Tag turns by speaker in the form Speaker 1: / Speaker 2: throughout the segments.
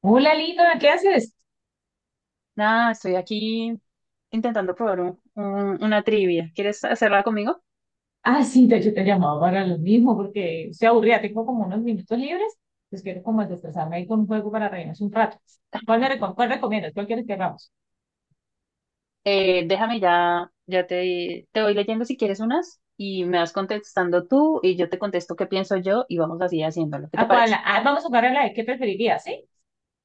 Speaker 1: Hola Lina, ¿qué haces?
Speaker 2: Nada, estoy aquí intentando probar una trivia. ¿Quieres hacerla conmigo?
Speaker 1: Ah, sí, de hecho te llamaba para lo mismo porque estoy aburrida, tengo como unos minutos libres, pues quiero como desestresarme ahí con un juego para reírnos un rato. ¿Cuál cuál recomiendas? ¿Cuál quieres que hagamos?
Speaker 2: Déjame ya te voy leyendo si quieres unas y me vas contestando tú y yo te contesto qué pienso yo y vamos así haciéndolo. ¿Qué te
Speaker 1: ¿A cuál?
Speaker 2: parece?
Speaker 1: Ah, vamos a jugar a la de qué preferirías, ¿sí?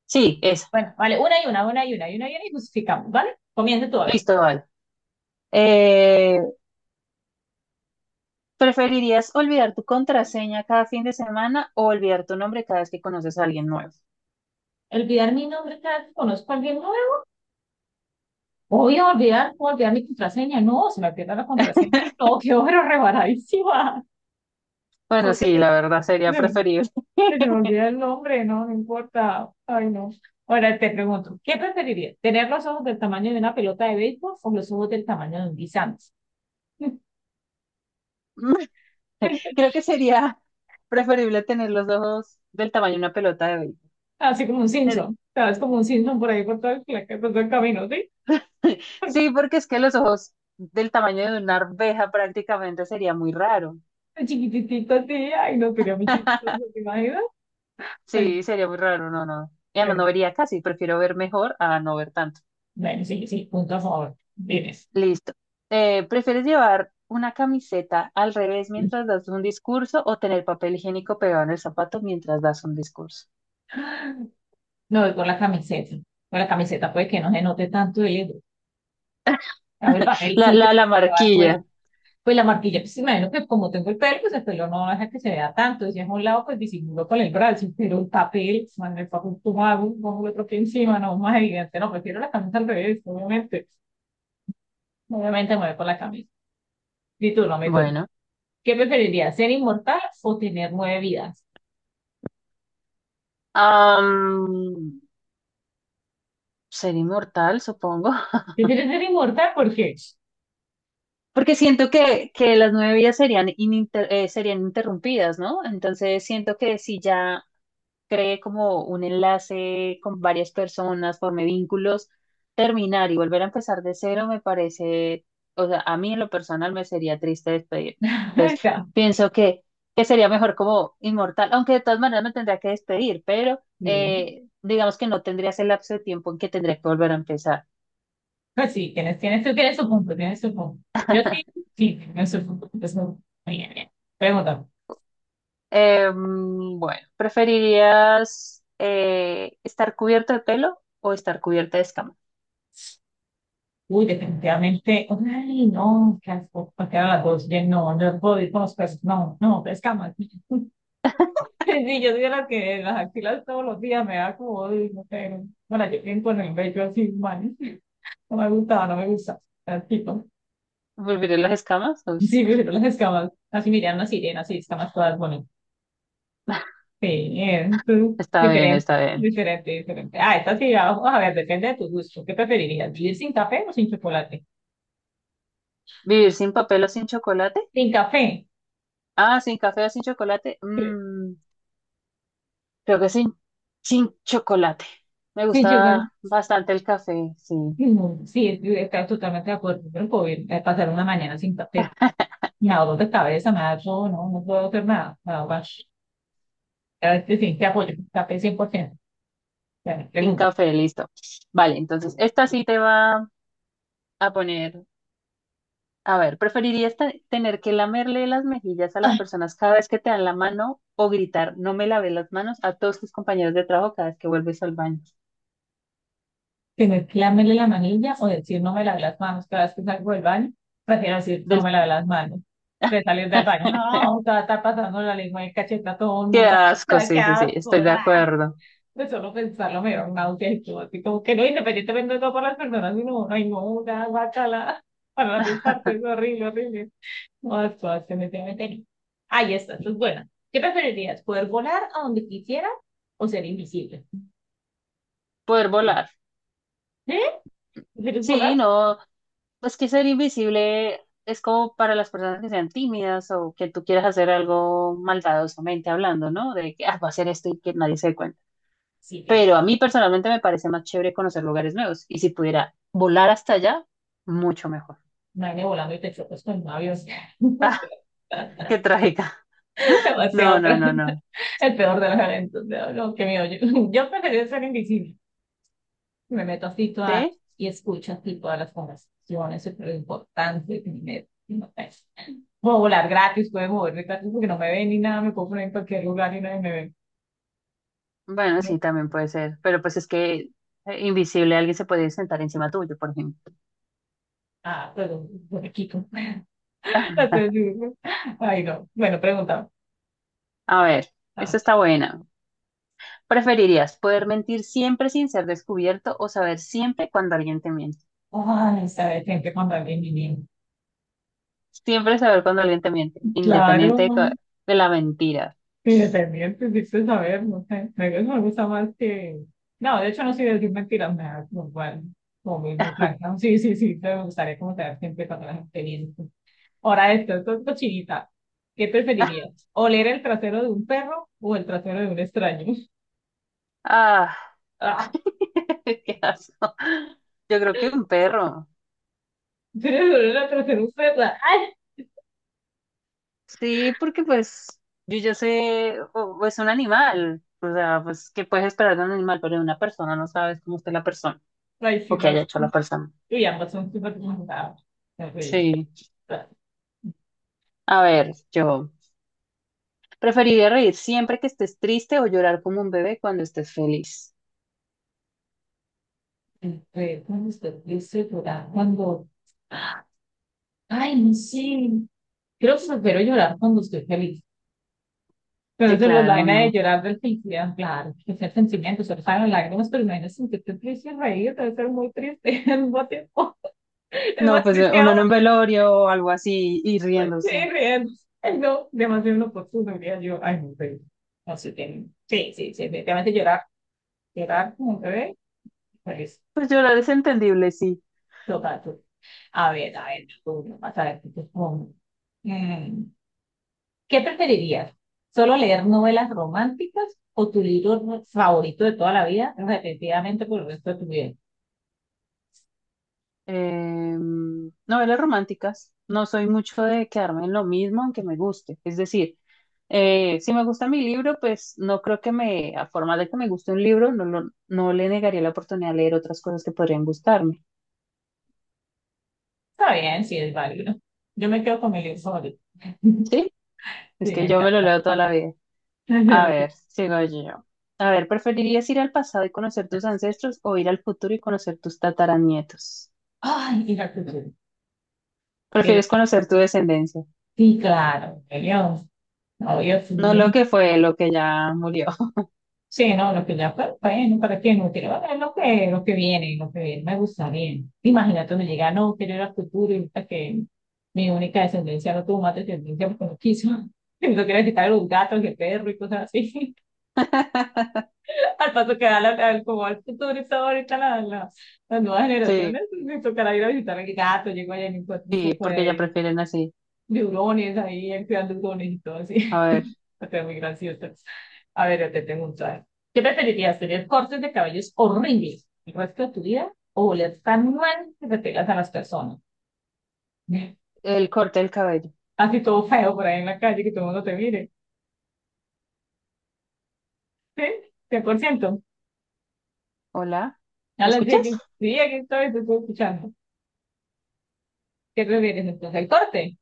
Speaker 2: Sí, esa.
Speaker 1: Bueno, vale, una y una, y una y una y justificamos, ¿vale? Comienza tú, a ver.
Speaker 2: Listo, vale. Eh, ¿Preferirías olvidar tu contraseña cada fin de semana o olvidar tu nombre cada vez que conoces a alguien nuevo?
Speaker 1: Olvidar mi nombre cada vez que conozco a alguien nuevo. Voy a olvidar mi contraseña. No, se me pierde la contraseña. No, qué horror, rebaradísima.
Speaker 2: Bueno, sí, la verdad sería preferible.
Speaker 1: Se te me olvida el nombre, no, no importa. Ay, no. Ahora te pregunto, ¿qué preferirías? ¿Tener los ojos del tamaño de una pelota de béisbol o los ojos del tamaño de un guisante?
Speaker 2: Creo que sería preferible tener los ojos del tamaño de una pelota de hoy.
Speaker 1: Así como un Simpson. ¿Sabes? Como un Simpson por ahí por todo por todo el camino, ¿sí?
Speaker 2: Sí, porque es que los ojos del tamaño de una arveja prácticamente sería muy raro.
Speaker 1: Chiquititito así, ay, no, sería muy chistoso, ¿te imaginas? Ay,
Speaker 2: Sí, sería muy raro, no, no. Y además
Speaker 1: bueno,
Speaker 2: no vería casi, prefiero ver mejor a no ver tanto.
Speaker 1: bueno, sí, sí, punto a favor. Tienes.
Speaker 2: Listo. ¿Prefieres llevar una camiseta al revés mientras das un discurso o tener papel higiénico pegado en el zapato mientras das un discurso?
Speaker 1: No, voy con la camiseta. Con la camiseta puede que no se note tanto el, a ver,
Speaker 2: La,
Speaker 1: papelcito,
Speaker 2: la, la
Speaker 1: para acabar
Speaker 2: marquilla.
Speaker 1: pues la marquilla, pues imagino que como tengo el pelo, pues el pelo no deja que se vea tanto, si es a un lado, pues disimulo con el brazo, pero el papel, man, el papel tomado, pongo el otro pie encima, no, más evidente, no, prefiero la camisa al revés, obviamente, obviamente me voy por la camisa, mi turno, mi turno.
Speaker 2: Bueno.
Speaker 1: ¿Qué preferirías, ser inmortal o tener nueve vidas?
Speaker 2: am, Ser inmortal, supongo.
Speaker 1: ¿Prefieres ser inmortal? ¿Por qué?
Speaker 2: Porque siento que las nueve vidas serían, serían interrumpidas, ¿no? Entonces siento que si ya cree como un enlace con varias personas, forme vínculos, terminar y volver a empezar de cero me parece, o sea, a mí en lo personal me sería triste despedir. Entonces
Speaker 1: Acá,
Speaker 2: pienso que sería mejor como inmortal, aunque de todas maneras me tendría que despedir, pero
Speaker 1: sí.
Speaker 2: digamos que no tendría ese lapso de tiempo en que tendría que volver a empezar.
Speaker 1: Pues sí, tienes, tienes, tú tienes su punto, tienes su punto. Yo sí, sí, tienes su punto, muy bien, bien. Pregunta.
Speaker 2: Bueno, ¿preferirías estar cubierto de pelo o estar cubierta de escamas?
Speaker 1: Uy, definitivamente, ay, no, qué asco, porque era las dos, ya no, no puedo ir con los peces, no, no, pescamos. Sí, yo soy de las que las axilas todos los días me da como, uy, no sé, no. Bueno, yo tengo en el bello así, man, no me gustaba, no me gusta, tipo,
Speaker 2: ¿Volveré las escamas? Uy,
Speaker 1: sí, pero las escamas, así miran las sirenas, así escamas todas bonitas, sí, tú,
Speaker 2: está bien,
Speaker 1: diferente,
Speaker 2: está bien.
Speaker 1: diferente, diferente. Ah, esta sí, vamos a ver, depende de tu gusto, ¿qué preferirías, vivir sin café o sin chocolate?
Speaker 2: ¿Vivir sin papel o sin chocolate?
Speaker 1: Sin café,
Speaker 2: Ah, sin café o sin chocolate. Mm, creo que sin chocolate. Me
Speaker 1: sin chocolate.
Speaker 2: gusta bastante el café, sí.
Speaker 1: Mm, sí, está totalmente de acuerdo. Pero no puedo ir pasar una mañana sin café. Me da dolor de cabeza, me da todo, no, no puedo hacer nada. Me da guash. A ver, sí, sí, te apoyo. Café 100%. Ya, me
Speaker 2: Sin
Speaker 1: pregunta.
Speaker 2: café, listo. Vale, entonces esta sí te va a poner. A ver, ¿preferirías tener que lamerle las mejillas a las
Speaker 1: Ay,
Speaker 2: personas cada vez que te dan la mano o gritar, no me lavé las manos a todos tus compañeros de trabajo cada vez que vuelves al baño?
Speaker 1: ¿tener que lamerle la manilla o decir no me lavé las manos cada vez que salgo del baño? Prefiero decir no
Speaker 2: Del...
Speaker 1: me lavé las manos. De salir del baño, no, te va a estar pasando la lengua de cacheta a todo el
Speaker 2: Qué
Speaker 1: mundo.
Speaker 2: asco,
Speaker 1: ¡Qué
Speaker 2: sí, sí, sí,
Speaker 1: asco!
Speaker 2: estoy de acuerdo.
Speaker 1: De solo pensarlo me da un náusea y todo, así como que no, independientemente de todo por las personas, sino, ay, no, una guacala, para las dos partes, horrible, horrible. No, esto se me tiene meter. Ahí está, esto es buena. ¿Qué preferirías? ¿Poder volar a donde quisieras o ser invisible?
Speaker 2: Poder volar.
Speaker 1: ¿Eh? ¿Prefieres
Speaker 2: Sí,
Speaker 1: volar?
Speaker 2: no, pues que ser invisible es como para las personas que sean tímidas o que tú quieras hacer algo maldadosamente hablando, ¿no? De que ah, voy a hacer esto y que nadie se dé cuenta.
Speaker 1: Sí, tienes
Speaker 2: Pero a mí personalmente me parece más chévere conocer lugares nuevos y si pudiera volar hasta allá, mucho mejor.
Speaker 1: nadie volando y te chocas con un avión.
Speaker 2: Ah, qué trágica. No,
Speaker 1: Demasiado
Speaker 2: no, no,
Speaker 1: tremenda.
Speaker 2: no.
Speaker 1: El peor de los eventos. No, no, qué miedo. Yo preferiría ser invisible. Me meto así todas
Speaker 2: ¿Sí?
Speaker 1: y escucho así todas las conversaciones, eso es lo importante que me meto. No, sé. Puedo volar gratis, puedo moverme gratis porque no me ven ni nada, me puedo poner en cualquier lugar y nadie me ve.
Speaker 2: Bueno,
Speaker 1: No,
Speaker 2: sí, también puede ser. Pero pues es que invisible alguien se puede sentar encima tuyo, por ejemplo.
Speaker 1: ah, pero por aquí, como- Entonces, digo, ay, no. Bueno, preguntaba.
Speaker 2: A ver,
Speaker 1: Ah,
Speaker 2: esto está buena. ¿Preferirías poder mentir siempre sin ser descubierto o saber siempre cuando alguien te miente?
Speaker 1: ay, sabes, siempre cuando alguien me viene.
Speaker 2: Siempre saber cuando alguien te miente,
Speaker 1: Claro,
Speaker 2: independiente de, de la mentira.
Speaker 1: sí, dependiente, sí, sé saber, no sé. Eso me gusta más que. No, de hecho, no soy de decir mentiras, me da como igual, como mismo, franca. Sí, sí, sí, te gustaría como tener siempre todas las experiencias. Ahora, esto es cochinita. ¿Qué preferirías? ¿Oler el trasero de un perro o el trasero de un extraño?
Speaker 2: Ah,
Speaker 1: Ah,
Speaker 2: qué asco. Yo creo que un perro.
Speaker 1: tienes oler el trasero de un perro? ¡Ay!
Speaker 2: Sí, porque pues yo ya sé, o es un animal, o sea, pues qué puedes esperar de un animal, pero de una persona no sabes cómo está la persona
Speaker 1: Ay, sí,
Speaker 2: o qué haya
Speaker 1: gas.
Speaker 2: hecho la persona.
Speaker 1: Uy, ambas son súper complicadas. Terrible.
Speaker 2: Sí,
Speaker 1: Ah,
Speaker 2: a ver, yo preferiría reír siempre que estés triste o llorar como un bebé cuando estés feliz.
Speaker 1: el perro, cuando usted dice llorar, cuando. Ay, no sé. Creo que prefiero llorar cuando estoy feliz. Pero
Speaker 2: Sí,
Speaker 1: eso es la
Speaker 2: claro,
Speaker 1: vaina de
Speaker 2: no.
Speaker 1: llorar del felicidad, claro, que es el sentimiento, solo salen las lágrimas, pero imagínate sentirte triste y reír, debe ser muy triste al mismo tiempo. Es más
Speaker 2: No, pues
Speaker 1: triste aún,
Speaker 2: uno en un velorio o algo así y
Speaker 1: sí,
Speaker 2: riéndose.
Speaker 1: riendo. Ay, no, demasiado inoportuno, diría yo. Ay, no, pero no sé, sí, sí, sí, definitivamente llorar, llorar como un bebé, pues,
Speaker 2: Pues llorar es entendible, sí.
Speaker 1: total. A ver, tú, vas a ver, tú, tú, tú. Mm, ¿qué preferirías? ¿Solo leer novelas románticas o tu libro favorito de toda la vida repetidamente por el resto de tu vida?
Speaker 2: Eh, Novelas románticas. No soy mucho de quedarme en lo mismo, aunque me guste. Es decir, si me gusta mi libro, pues no creo que me, a forma de que me guste un libro, no, no le negaría la oportunidad de leer otras cosas que podrían gustarme.
Speaker 1: Está bien, sí es válido. Yo me quedo con mi libro favorito.
Speaker 2: ¿Sí?
Speaker 1: Sí,
Speaker 2: Es
Speaker 1: me
Speaker 2: que yo me lo
Speaker 1: encanta.
Speaker 2: leo toda la vida.
Speaker 1: Yo
Speaker 2: A
Speaker 1: lo tengo.
Speaker 2: ver, sigo yo. A ver, ¿preferirías ir al pasado y conocer tus ancestros o ir al futuro y conocer tus tataranietos?
Speaker 1: Ay, y la cultura. Pero-
Speaker 2: ¿Prefieres conocer tu descendencia?
Speaker 1: sí, claro, obvio, obvio,
Speaker 2: No lo
Speaker 1: sí.
Speaker 2: que fue, lo que ya murió.
Speaker 1: Sí, no, lo que ya fue, bueno, ¿para qué no quiero? Bueno, lo que viene, me gusta bien. Imagínate donde llega, no, quiero ir al futuro y ahorita que mi única descendencia no tuvo más descendencia porque no quiso. No quiero quitar a los gatos el perro y cosas así. Al paso que da como al futuro está ahorita las nuevas
Speaker 2: Sí.
Speaker 1: generaciones, me tocará ir a visitar al gato, llego allá y me encuentro un
Speaker 2: Sí,
Speaker 1: poco
Speaker 2: porque ya
Speaker 1: de
Speaker 2: prefieren así.
Speaker 1: neurones ahí, activando neurones y todo así.
Speaker 2: A ver,
Speaker 1: Está muy gracioso. A ver, yo te tengo un traje. ¿Qué preferirías, tener cortes de cabellos horribles el resto de tu vida o oler tan mal que te pegas a las personas?
Speaker 2: el corte del cabello.
Speaker 1: Así todo feo por ahí en la calle, que todo el mundo te mire. ¿Sí? 100%.
Speaker 2: Hola,
Speaker 1: A
Speaker 2: ¿me
Speaker 1: las 10
Speaker 2: escuchas?
Speaker 1: que, día que estoy, te estoy escuchando. ¿Qué prefieres entonces? El corte.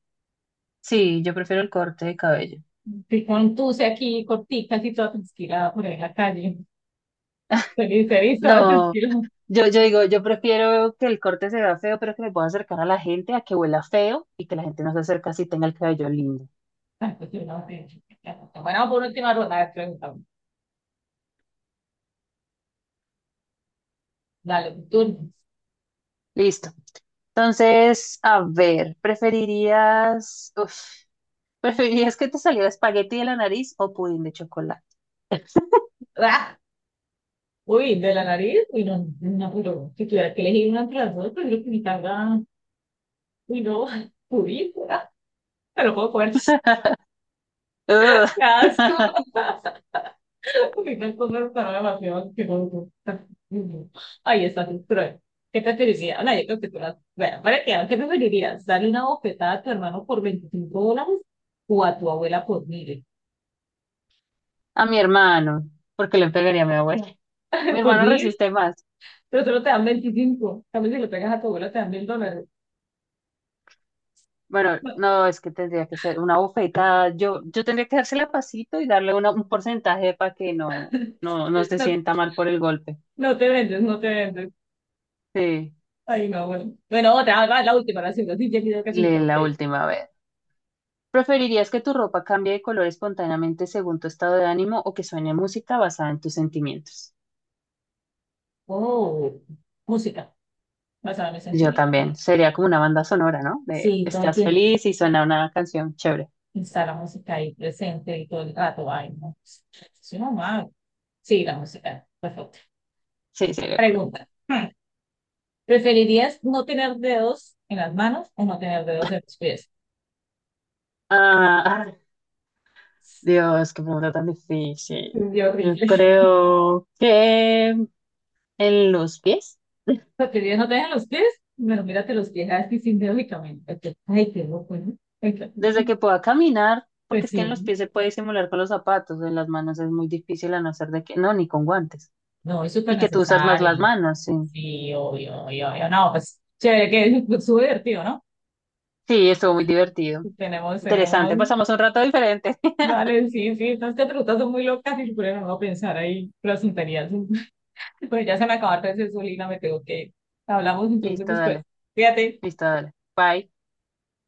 Speaker 2: Sí, yo prefiero el corte de cabello.
Speaker 1: Si con tuce aquí, corticas y toda tranquila por ahí en la calle. Feliz, feliz, toda
Speaker 2: No,
Speaker 1: tranquila.
Speaker 2: yo digo, yo prefiero que el corte se vea feo, pero que me pueda acercar a la gente, a que huela feo y que la gente no se acerque si tenga el cabello lindo.
Speaker 1: Bueno, por última ronda, a ver, pregúntame. Dale, tú.
Speaker 2: Listo. Entonces, a ver, ¿preferirías que te saliera espagueti de la nariz o pudín de chocolate?
Speaker 1: ¡Ah! Uy, de la nariz, uy, no, no, pero si tuviera que elegir una entre las dos, prefiero que mi carga, uy, no, uy, ah, me lo puedo comer.
Speaker 2: Ugh.
Speaker 1: ¡Qué asco! Uy, no, esto no está demasiado asqueroso. Ay, está es cruel. ¿Qué te preferirías? No, yo creo que tú las... Bueno, para que, ¿qué preferirías? ¿Darle una bofetada a tu hermano por $25 o a tu abuela por mil?
Speaker 2: A mi hermano, porque le pegaría a mi abuela. Mi
Speaker 1: ¿Por
Speaker 2: hermano
Speaker 1: mil?
Speaker 2: resiste más.
Speaker 1: Pero solo te dan 25. También si lo pegas a tu abuelo te dan $1,000.
Speaker 2: Bueno,
Speaker 1: No,
Speaker 2: no, es que tendría que ser una bofetada. Yo tendría que dársela pasito y darle un porcentaje para que no, no, no se
Speaker 1: no,
Speaker 2: sienta mal por el golpe.
Speaker 1: no te vendes, no te vendes.
Speaker 2: Sí,
Speaker 1: Ay, no, bueno. Bueno, otra, va, la última, la segunda. Sí, ya que yo casi me
Speaker 2: lee
Speaker 1: tengo
Speaker 2: la
Speaker 1: que ir.
Speaker 2: última vez. ¿Preferirías que tu ropa cambie de color espontáneamente según tu estado de ánimo o que suene música basada en tus sentimientos?
Speaker 1: Oh, música, basada en mis
Speaker 2: Yo
Speaker 1: sentimientos.
Speaker 2: también. Sería como una banda sonora, ¿no? De
Speaker 1: Sí, todo el
Speaker 2: estás
Speaker 1: tiempo.
Speaker 2: feliz y suena una canción chévere.
Speaker 1: Está la música ahí presente y todo el rato. Ay, no. Soy mamá. Sí, la música. Perfecto.
Speaker 2: Sí, sería cool.
Speaker 1: Pregunta. Hmm. ¿Preferirías no tener dedos en las manos o no tener dedos en los pies?
Speaker 2: Ah, ay, Dios, qué pregunta tan difícil.
Speaker 1: Qué
Speaker 2: Yo
Speaker 1: horrible.
Speaker 2: creo que. En los pies,
Speaker 1: Sea, que ya no te dejan los pies, bueno, mírate los pies así lógicamente. Ok. Ay, qué loco, ¿no?
Speaker 2: desde que pueda caminar, porque
Speaker 1: Pues
Speaker 2: es que
Speaker 1: sí,
Speaker 2: en los pies se puede simular con los zapatos, en las manos es muy difícil a no ser de que, no, ni con guantes,
Speaker 1: no, es súper
Speaker 2: y que tú usas más las
Speaker 1: necesario.
Speaker 2: manos, sí.
Speaker 1: Sí, obvio, obvio, obvio. No, pues chévere, que es súper divertido, ¿no?
Speaker 2: Sí, estuvo muy divertido.
Speaker 1: Tenemos, tenemos,
Speaker 2: Interesante, pasamos un rato diferente.
Speaker 1: vale, sí, sí, estas te preguntas son muy locas y pero no voy a pensar ahí las tonterías. Pues ya se me acabaron de gasolina, me tengo que ir. Hablamos entonces
Speaker 2: Listo,
Speaker 1: después.
Speaker 2: dale,
Speaker 1: Fíjate.
Speaker 2: listo, dale. Bye.